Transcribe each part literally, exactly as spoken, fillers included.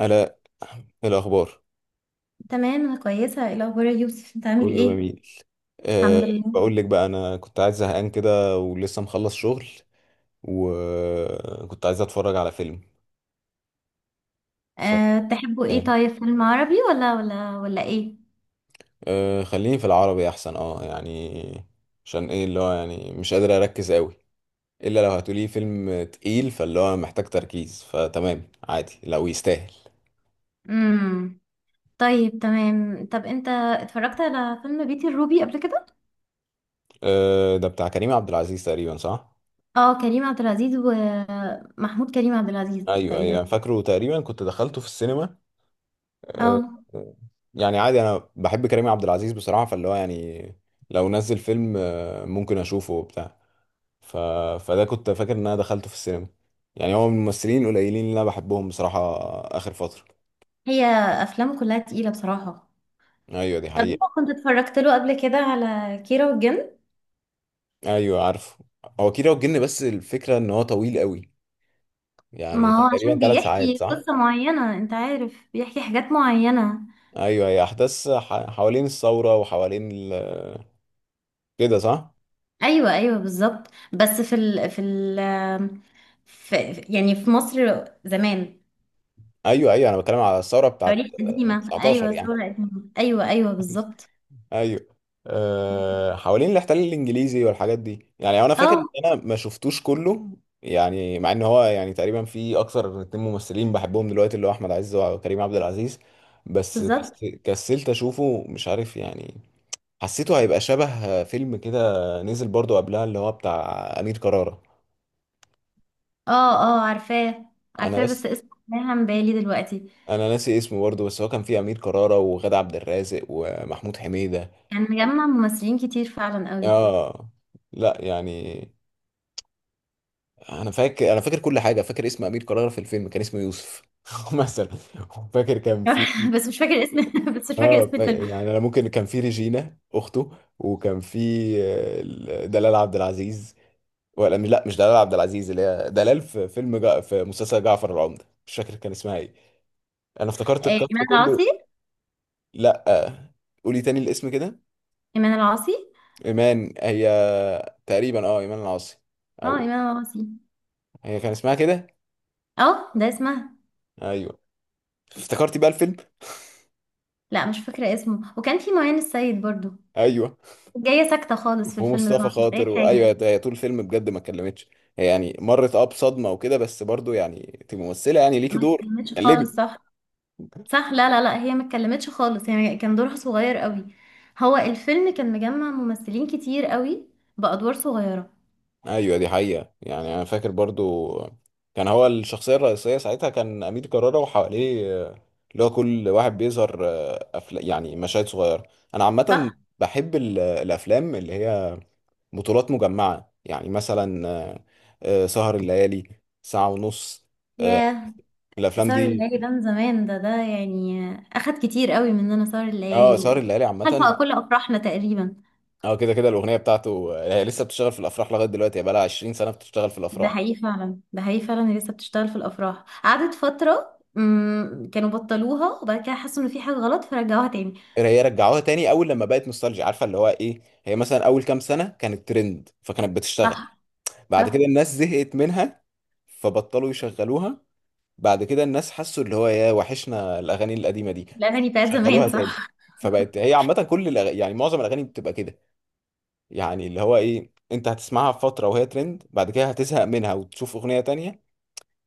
الاء. إيه الاخبار؟ تمام، انا كويسه. ايه الاخبار يا يوسف؟ انت عامل كله ايه؟ جميل. أه. الحمد لله. بقول لك بقى، انا كنت عايز زهقان كده ولسه مخلص شغل، وكنت عايز اتفرج على فيلم. ف أه تحبوا ايه؟ طيب، فيلم عربي ولا ولا ولا ايه؟ أه، خليني في العربي احسن، اه يعني عشان ايه اللي هو يعني مش قادر اركز قوي، الا لو هتقولي فيلم تقيل فاللي هو محتاج تركيز فتمام عادي لو يستاهل. امم طيب تمام. طب انت اتفرجت على فيلم بيتي الروبي قبل كده؟ أه، ده بتاع كريم عبد العزيز تقريبا، صح؟ اه، كريم عبد العزيز ومحمود كريم عبد العزيز ايوه ايوه تقريبا. أنا فاكره تقريبا كنت دخلته في السينما. آه، اه. آه، يعني عادي، انا بحب كريم عبد العزيز بصراحه، فاللي هو يعني لو نزل فيلم آه، ممكن اشوفه وبتاع. ف... فده كنت فاكر ان انا دخلته في السينما، يعني هو من الممثلين القليلين اللي انا بحبهم بصراحه اخر فتره. هي افلامه كلها تقيله بصراحه. ايوه، دي طب انت حقيقه. كنت اتفرجت له قبل كده على كيرة والجن؟ ايوه، عارفه هو كيرة والجن، بس الفكره ان هو طويل قوي، يعني ما هو هو تقريبا عشان ثلاث ساعات، بيحكي صح؟ قصه معينه، انت عارف، بيحكي حاجات معينه. ايوه، هي احداث ح... حوالين الثوره وحوالين ال... كده، صح. ايوه ايوه بالظبط. بس في ال في ال في يعني في مصر زمان. ايوه ايوه انا بتكلم على الثوره تاريخ بتاعت آه، قديمة، تسعة عشر ايوه، يعني. ثورة قديمة، ايوه ايوه، بالظبط. ايوه، أه، حوالين الاحتلال الانجليزي والحاجات دي، يعني انا فاكر ان اه، انا ما شفتوش كله، يعني مع ان هو يعني تقريبا في اكثر من اتنين ممثلين بحبهم دلوقتي، اللي هو احمد عز وكريم عبد العزيز. بس بالظبط. كس- كسلت اشوفه، مش عارف يعني. حسيته هيبقى شبه فيلم كده. نزل برضو قبلها اللي هو بتاع امير كرارة. اه اه، عارفاه انا عارفاه، بس بس، اسمه رايح عن بالي دلوقتي. انا ناسي اسمه برضو، بس هو كان فيه امير كرارة وغادة عبد الرازق ومحمود حميدة. كان مجمع ممثلين كتير فعلا قوي. اه. لا يعني، انا فاكر انا فاكر كل حاجه، فاكر اسم امير كرارة في الفيلم كان اسمه يوسف مثلا. فاكر كان في. بس مش فاكر اسم بس مش فاكر اه، اسم فا- الفيلم. يعني انا ممكن كان في ريجينا اخته، وكان في آه، ال- دلال عبد العزيز. ولا مش، لا مش دلال عبد العزيز، اللي هي دلال في فيلم جا... في مسلسل جعفر العمدة، مش فاكر كان اسمها ايه. انا افتكرت آه، الكاست ايمان كله. العاصي. لا، آه، قولي تاني الاسم كده. ايمان العاصي. ايمان، هي تقريبا، اه، ايمان العاصي، اه، او ايمان العاصي. هي كان اسمها كده. اه، ده اسمها. ايوه. افتكرتي بقى الفيلم؟ لا، مش فاكرة اسمه، وكان في معين السيد برضو. ايوه، جاية ساكتة خالص في الفيلم ده، ما ومصطفى عملتش خاطر، أي حاجة. وايوه هي طول الفيلم بجد ما اتكلمتش. هي يعني مرت، اه، بصدمه وكده، بس برضو يعني تبقى ممثله، يعني ليكي ما دور. اتكلمتش خالص، قلبي. صح. صح، لا لا لا، هي ما اتكلمتش خالص، هي كان دورها صغير قوي. هو الفيلم كان مجمع ممثلين كتير قوي بأدوار صغيرة. ايوه، دي حقيقه. يعني انا فاكر برضو كان هو الشخصيه الرئيسيه ساعتها كان امير كرارة، وحواليه آه، اللي هو كل واحد بيظهر، آه، أفلا يعني مشاهد صغيره. انا عامه صح. بحب ال- الافلام اللي هي بطولات مجمعه، يعني مثلا آه، آه، سهر الليالي، ساعه ونص. آه، ياه، الافلام سهر دي. الليالي ده من زمان. ده ده يعني أخد كتير قوي مننا، سهر اه، الليالي سهر و الليالي خلف عامه. كل أفراحنا تقريبا. اه كده كده، الاغنيه بتاعته هي لسه بتشتغل في الافراح لغايه دلوقتي، هي بقالها عشرين سنه بتشتغل في ده الافراح. حقيقي فعلا، ده حقيقي فعلا، هي لسه بتشتغل في الأفراح. قعدت فترة مم، كانوا بطلوها، وبعد كده حسوا إن في حاجة غلط فرجعوها تاني. إيه، هي رجعوها تاني اول لما بقت نوستالجيا، عارفه اللي هو ايه، هي مثلا اول كام سنه كانت ترند فكانت بتشتغل. صح بعد كده صح. الناس زهقت منها، فبطلوا يشغلوها. بعد كده الناس حسوا اللي هو يا وحشنا الاغاني القديمه دي، الأغاني بتاعت شغلوها زمان، تاني. صح. فبقت هي عامه كل الأغ... يعني معظم الاغاني بتبقى كده. يعني اللي هو ايه، انت هتسمعها في فتره وهي ترند، بعد كده هتزهق منها وتشوف اغنيه تانية.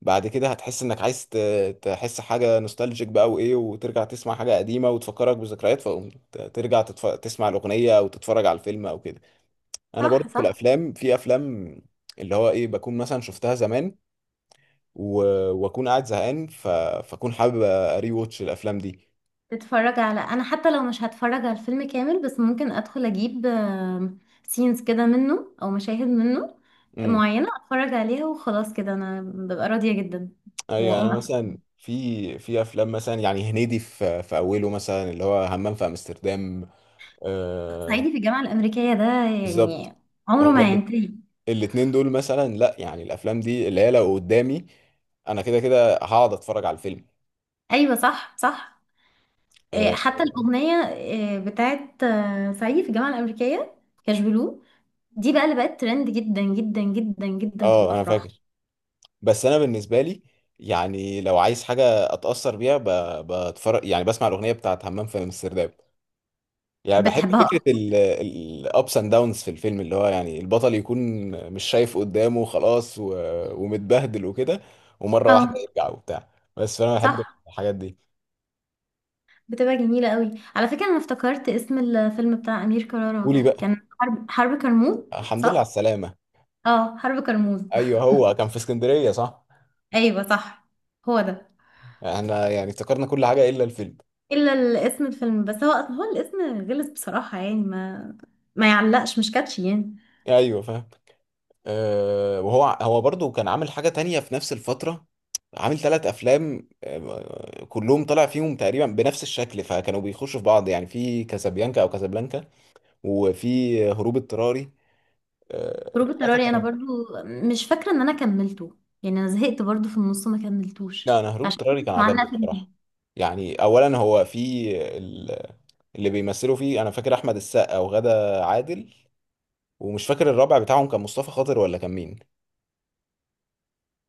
بعد كده هتحس انك عايز ت- تحس حاجه نوستالجيك بقى، وايه وترجع تسمع حاجه قديمه وتفكرك بذكريات، فقوم ت- ترجع تتف... تسمع الاغنيه او تتفرج على الفيلم او كده. انا صح برضه في صح. الافلام، في افلام اللي هو ايه بكون مثلا شفتها زمان و... واكون قاعد زهقان، ف... فاكون حابب اري واتش الافلام دي. تتفرج على انا حتى لو مش هتفرج على الفيلم كامل، بس ممكن ادخل اجيب سينز كده منه، او مشاهد منه امم. معينة، اتفرج عليها وخلاص كده انا ببقى راضية جدا. ايوه انا واقوم أتفرج. مثلا في في افلام مثلا، يعني هنيدي في في اوله مثلا اللي هو همام في امستردام. آه... صعيدي في الجامعة الامريكية ده بالظبط. يعني عمره ما هما هينتهي. الاتنين دول مثلا، لا يعني الافلام دي اللي هي لو قدامي انا كده كده هقعد اتفرج على الفيلم. ايوه صح صح. إيه، اه. حتى الاغنية إيه، بتاعت آه، صعيدي في الجامعة الامريكية، كاش بلو، دي بقى اللي بقت ترند جدا جدا جدا جدا في آه، انا الافراح. فاكر. بس انا بالنسبه لي يعني لو عايز حاجه اتاثر بيها، ب- بتفرج يعني بسمع الاغنيه بتاعت همام في امستردام. يعني بحب بتحبها فكره أكتر؟ الابس اند داونز في الفيلم، اللي هو يعني البطل يكون مش شايف قدامه خلاص و... ومتبهدل وكده، ومره واحده اه، يرجع وبتاع. بس فانا بحب صح. الحاجات دي. بتبقى جميلة قوي. على فكرة، انا افتكرت اسم الفيلم بتاع امير كرارة. قولي بقى. كان حرب حرب كرموز. الحمد لله على صح. السلامه. اه، حرب كرموز. ايوه، هو كان في اسكندريه، صح؟ ايوه صح، هو ده. احنا يعني افتكرنا كل حاجة إلا الفيلم. الا ال- اسم الفيلم بس. هو هو الاسم غلس بصراحة. يعني ما ما يعلقش، مش كاتشي يعني. أيوه فاهم. أه، وهو هو برضو كان عامل حاجة تانية في نفس الفترة، عامل ثلاث أفلام آه، كلهم طلع فيهم تقريبا بنفس الشكل فكانوا بيخشوا في بعض، يعني في كازابيانكا أو كازابلانكا، وفي هروب اضطراري. أه، هروب الثلاثة اضطراري انا كانوا. برضو مش فاكرة ان انا كملته. يعني انا زهقت برضو في النص، ما لا، كملتوش، أنا هروب عشان كده اضطراري مش كان عجبني معلقة في دماغي. بصراحة. يعني أولا هو في ال- اللي بيمثلوا فيه أنا فاكر أحمد السقا وغادة عادل، ومش فاكر الرابع بتاعهم كان مصطفى خاطر ولا كان مين.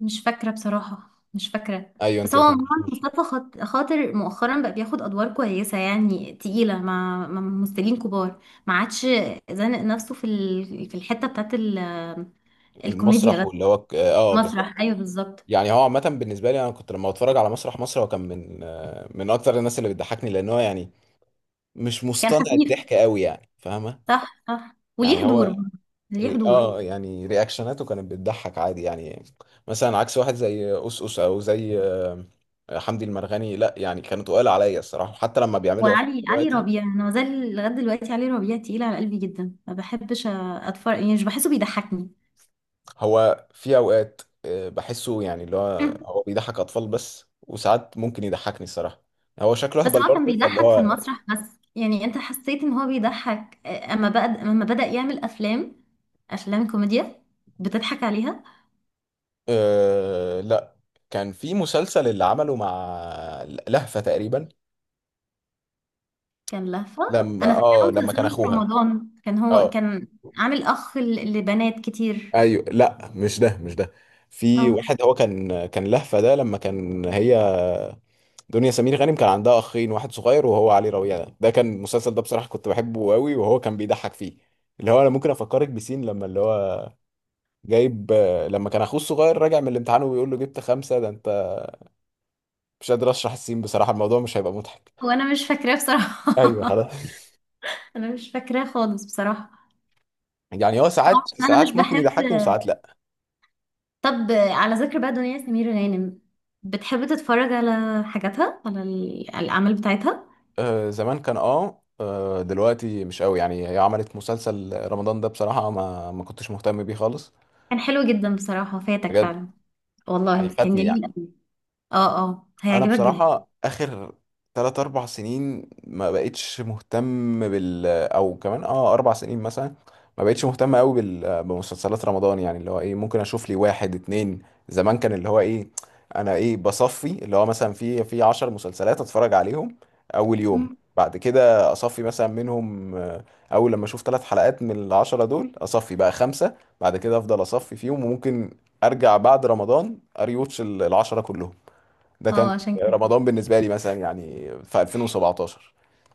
مش فاكرة بصراحة، مش فاكرة. أيوه، بس أنت ما هو عموما كملتهاش. مصطفى خاط- خاطر مؤخرا بقى بياخد أدوار كويسة، يعني تقيلة، مع مع ممثلين كبار. ما عادش زانق نفسه في ال- في الحتة بتاعت ال- المسرح الكوميديا بس. واللي هو ك- اه آه، بالظبط. مسرح، أيوه، بالظبط. يعني هو عامة بالنسبة لي انا كنت لما بتفرج على مسرح مصر هو كان من آه، من اكتر الناس اللي بتضحكني، لان هو يعني مش كان مصطنع خفيف. الضحك قوي، يعني فاهمة. صح صح، وليه يعني حضور هو برضه. ليه ري... حضور. اه يعني رياكشناته كانت بتضحك عادي يعني، مثلا عكس واحد زي أوس أوس، او زي آه، حمدي المرغني، لا يعني كانوا تقال عليا الصراحة حتى لما بيعملوا افلام وعلي علي دلوقتي. ربيع، أنا مازال لغاية دلوقتي علي ربيع تقيل على قلبي جدا، ما بحبش أتفرج، يعني مش بحسه بيضحكني. هو في اوقات آه، بحسه يعني اللي هو هو بيضحك اطفال بس، وساعات ممكن يضحكني الصراحة. هو شكله بس اهبل هو كان برضه فاللي بيضحك في هو. المسرح بس. يعني انت حسيت ان هو بيضحك، آه، اما بقى اما بدأ يعمل افلام، افلام كوميديا بتضحك عليها. أه لا، كان في مسلسل اللي عمله مع لهفة تقريبا. كان لهفة. لما انا فاكره اه لما كان مسلسله في اخوها. رمضان، كان هو اه كان عامل اخ ل- لبنات كتير. ايوه، لا مش ده، مش ده في اه. واحد، هو كان كان لهفة ده لما كان هي دنيا سمير غانم كان عندها اخين، واحد صغير وهو علي ربيع. ده ده كان المسلسل ده بصراحة كنت بحبه قوي، وهو كان بيضحك فيه. اللي هو انا ممكن افكرك بسين لما اللي هو جايب، لما كان اخوه الصغير راجع من الامتحان وبيقول له جبت خمسة ده انت. مش قادر اشرح السين بصراحة، الموضوع مش هيبقى مضحك. هو انا مش فاكراه ايوه بصراحة. خلاص. انا مش فاكراه خالص بصراحة. يعني هو اه، ساعات عشان انا مش ساعات ممكن بحب. يضحكني وساعات لا. طب آه، على ذكر بقى دنيا سمير غانم، بتحب تتفرج على حاجاتها، على ال- الأعمال بتاعتها؟ آه زمان كان اه، آه، دلوقتي مش قوي. يعني هي عملت مسلسل رمضان ده بصراحة ما ما كنتش مهتم بيه خالص. كان حلو جدا بصراحة، فاتك بجد. فعلا. والله يعني كان فاتني يعني. جميل قوي. اه اه، انا هيعجبك جدا. بصراحه اخر ثلاثة اربعة سنين ما بقتش مهتم بال، او كمان اه اربع سنين مثلا ما بقتش مهتم قوي بال... بمسلسلات رمضان. يعني اللي هو ايه ممكن اشوف لي واحد اتنين. زمان كان اللي هو ايه، انا ايه بصفي اللي هو مثلا في في عشر مسلسلات اتفرج عليهم اول يوم. مم. بعد كده اصفي مثلا منهم آه، اول لما اشوف ثلاث حلقات من العشرة دول اصفي بقى خمسة. بعد كده افضل اصفي فيهم، وممكن ارجع بعد رمضان اريوتش ال- العشرة كلهم. ده اه، كان عشان كده رمضان بالنسبه لي مثلا، يعني في الفين وسبعتاشر.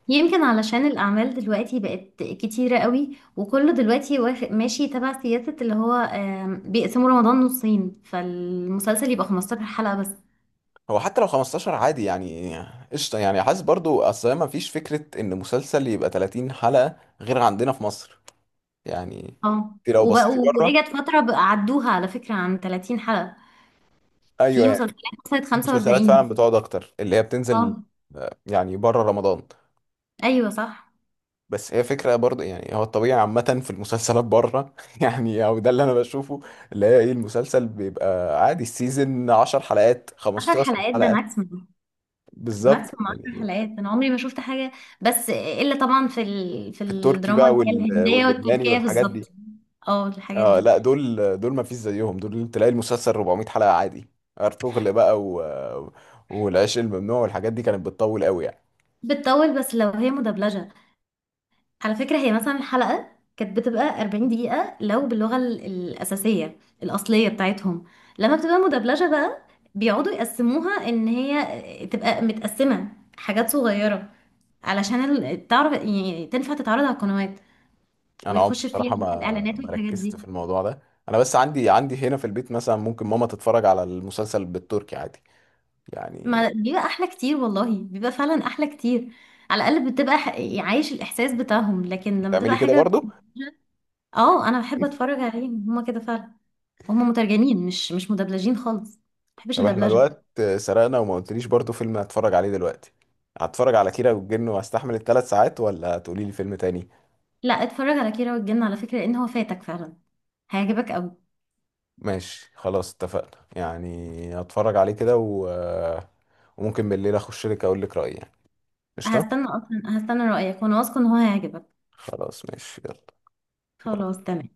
يمكن علشان الأعمال دلوقتي بقت كتيرة قوي، وكله دلوقتي واخد ماشي تبع سياسة اللي هو، آم، بيقسموا رمضان نصين، فالمسلسل يبقى خمستاشر حلقة بس. هو حتى لو خمستاشر عادي يعني، قشطه يعني، حاسس برضو اصل ما فيش فكره ان مسلسل يبقى تلاتين حلقه غير عندنا في مصر يعني. اه، انت لو بصيتي وبقوا وإجت بره. فترة بقى عدوها على فكرة عن ثلاثين حلقة. ايوه في يعني، مسلسلات وصلت في مسلسلات فعلا خمسة وأربعين. بتقعد اكتر اللي هي بتنزل اه، آه، يعني بره رمضان. أيوة صح. بس هي فكره برضو، يعني هو الطبيعي عامه في المسلسلات بره يعني، او ده اللي انا بشوفه، اللي هي ايه المسلسل بيبقى عادي السيزون عشر حلقات عشرة خمسة عشر حلقات ده حلقه. ماكسيمم. بالظبط ماكسيموم عشرة يعني. حلقات، انا عمري ما شفت حاجه، بس الا طبعا في ال... في في التركي الدراما بقى اللي هي وال... الهنديه واللبناني والتركيه. والحاجات دي. بالظبط. اه، الحاجات اه دي لا، دول دول ما فيش زيهم، دول تلاقي المسلسل اربعمائة حلقة عادي. ارطغرل بقى و... والعشق الممنوع والحاجات دي كانت بتطول قوي يعني. بتطول، بس لو هي مدبلجه. على فكره هي مثلا الحلقه كانت بتبقى أربعين دقيقه لو باللغه ال- الاساسيه الاصليه بتاعتهم. لما بتبقى مدبلجه بقى، بيقعدوا يقسموها ان هي تبقى متقسمه حاجات صغيره، علشان ال- تعرف يعني، تنفع تتعرض على القنوات، انا عمري ويخش فيها بصراحة بقى ما الاعلانات ما والحاجات ركزت دي. في الموضوع ده. انا بس عندي، عندي هنا في البيت مثلا ممكن ماما تتفرج على المسلسل بالتركي عادي يعني. ما بيبقى احلى كتير، والله بيبقى فعلا احلى كتير. على الاقل بتبقى ح... عايش الاحساس بتاعهم، لكن لما تبقى بتعملي كده حاجه برضو. اه انا بحب اتفرج عليهم هما كده فعلا. هما مترجمين، مش مش مدبلجين خالص، ما بحبش طب احنا الدبلجه. الوقت سرقنا وما قلتليش برضو فيلم هتفرج عليه دلوقتي. هتفرج على كيرة والجن واستحمل الثلاث ساعات ولا تقولي لي فيلم تاني. لا، اتفرج على كيرة والجن على فكره، لان هو فاتك فعلا، هيعجبك قوي. ماشي خلاص اتفقنا، يعني هتفرج عليه كده و... وممكن بالليل اخش لك اقول لك رأيي يعني. قشطة. هستنى، اصلا هستنى رايك، وانا واثقه ان هو هيعجبك. خلاص ماشي يلا. باي. خلاص تمام.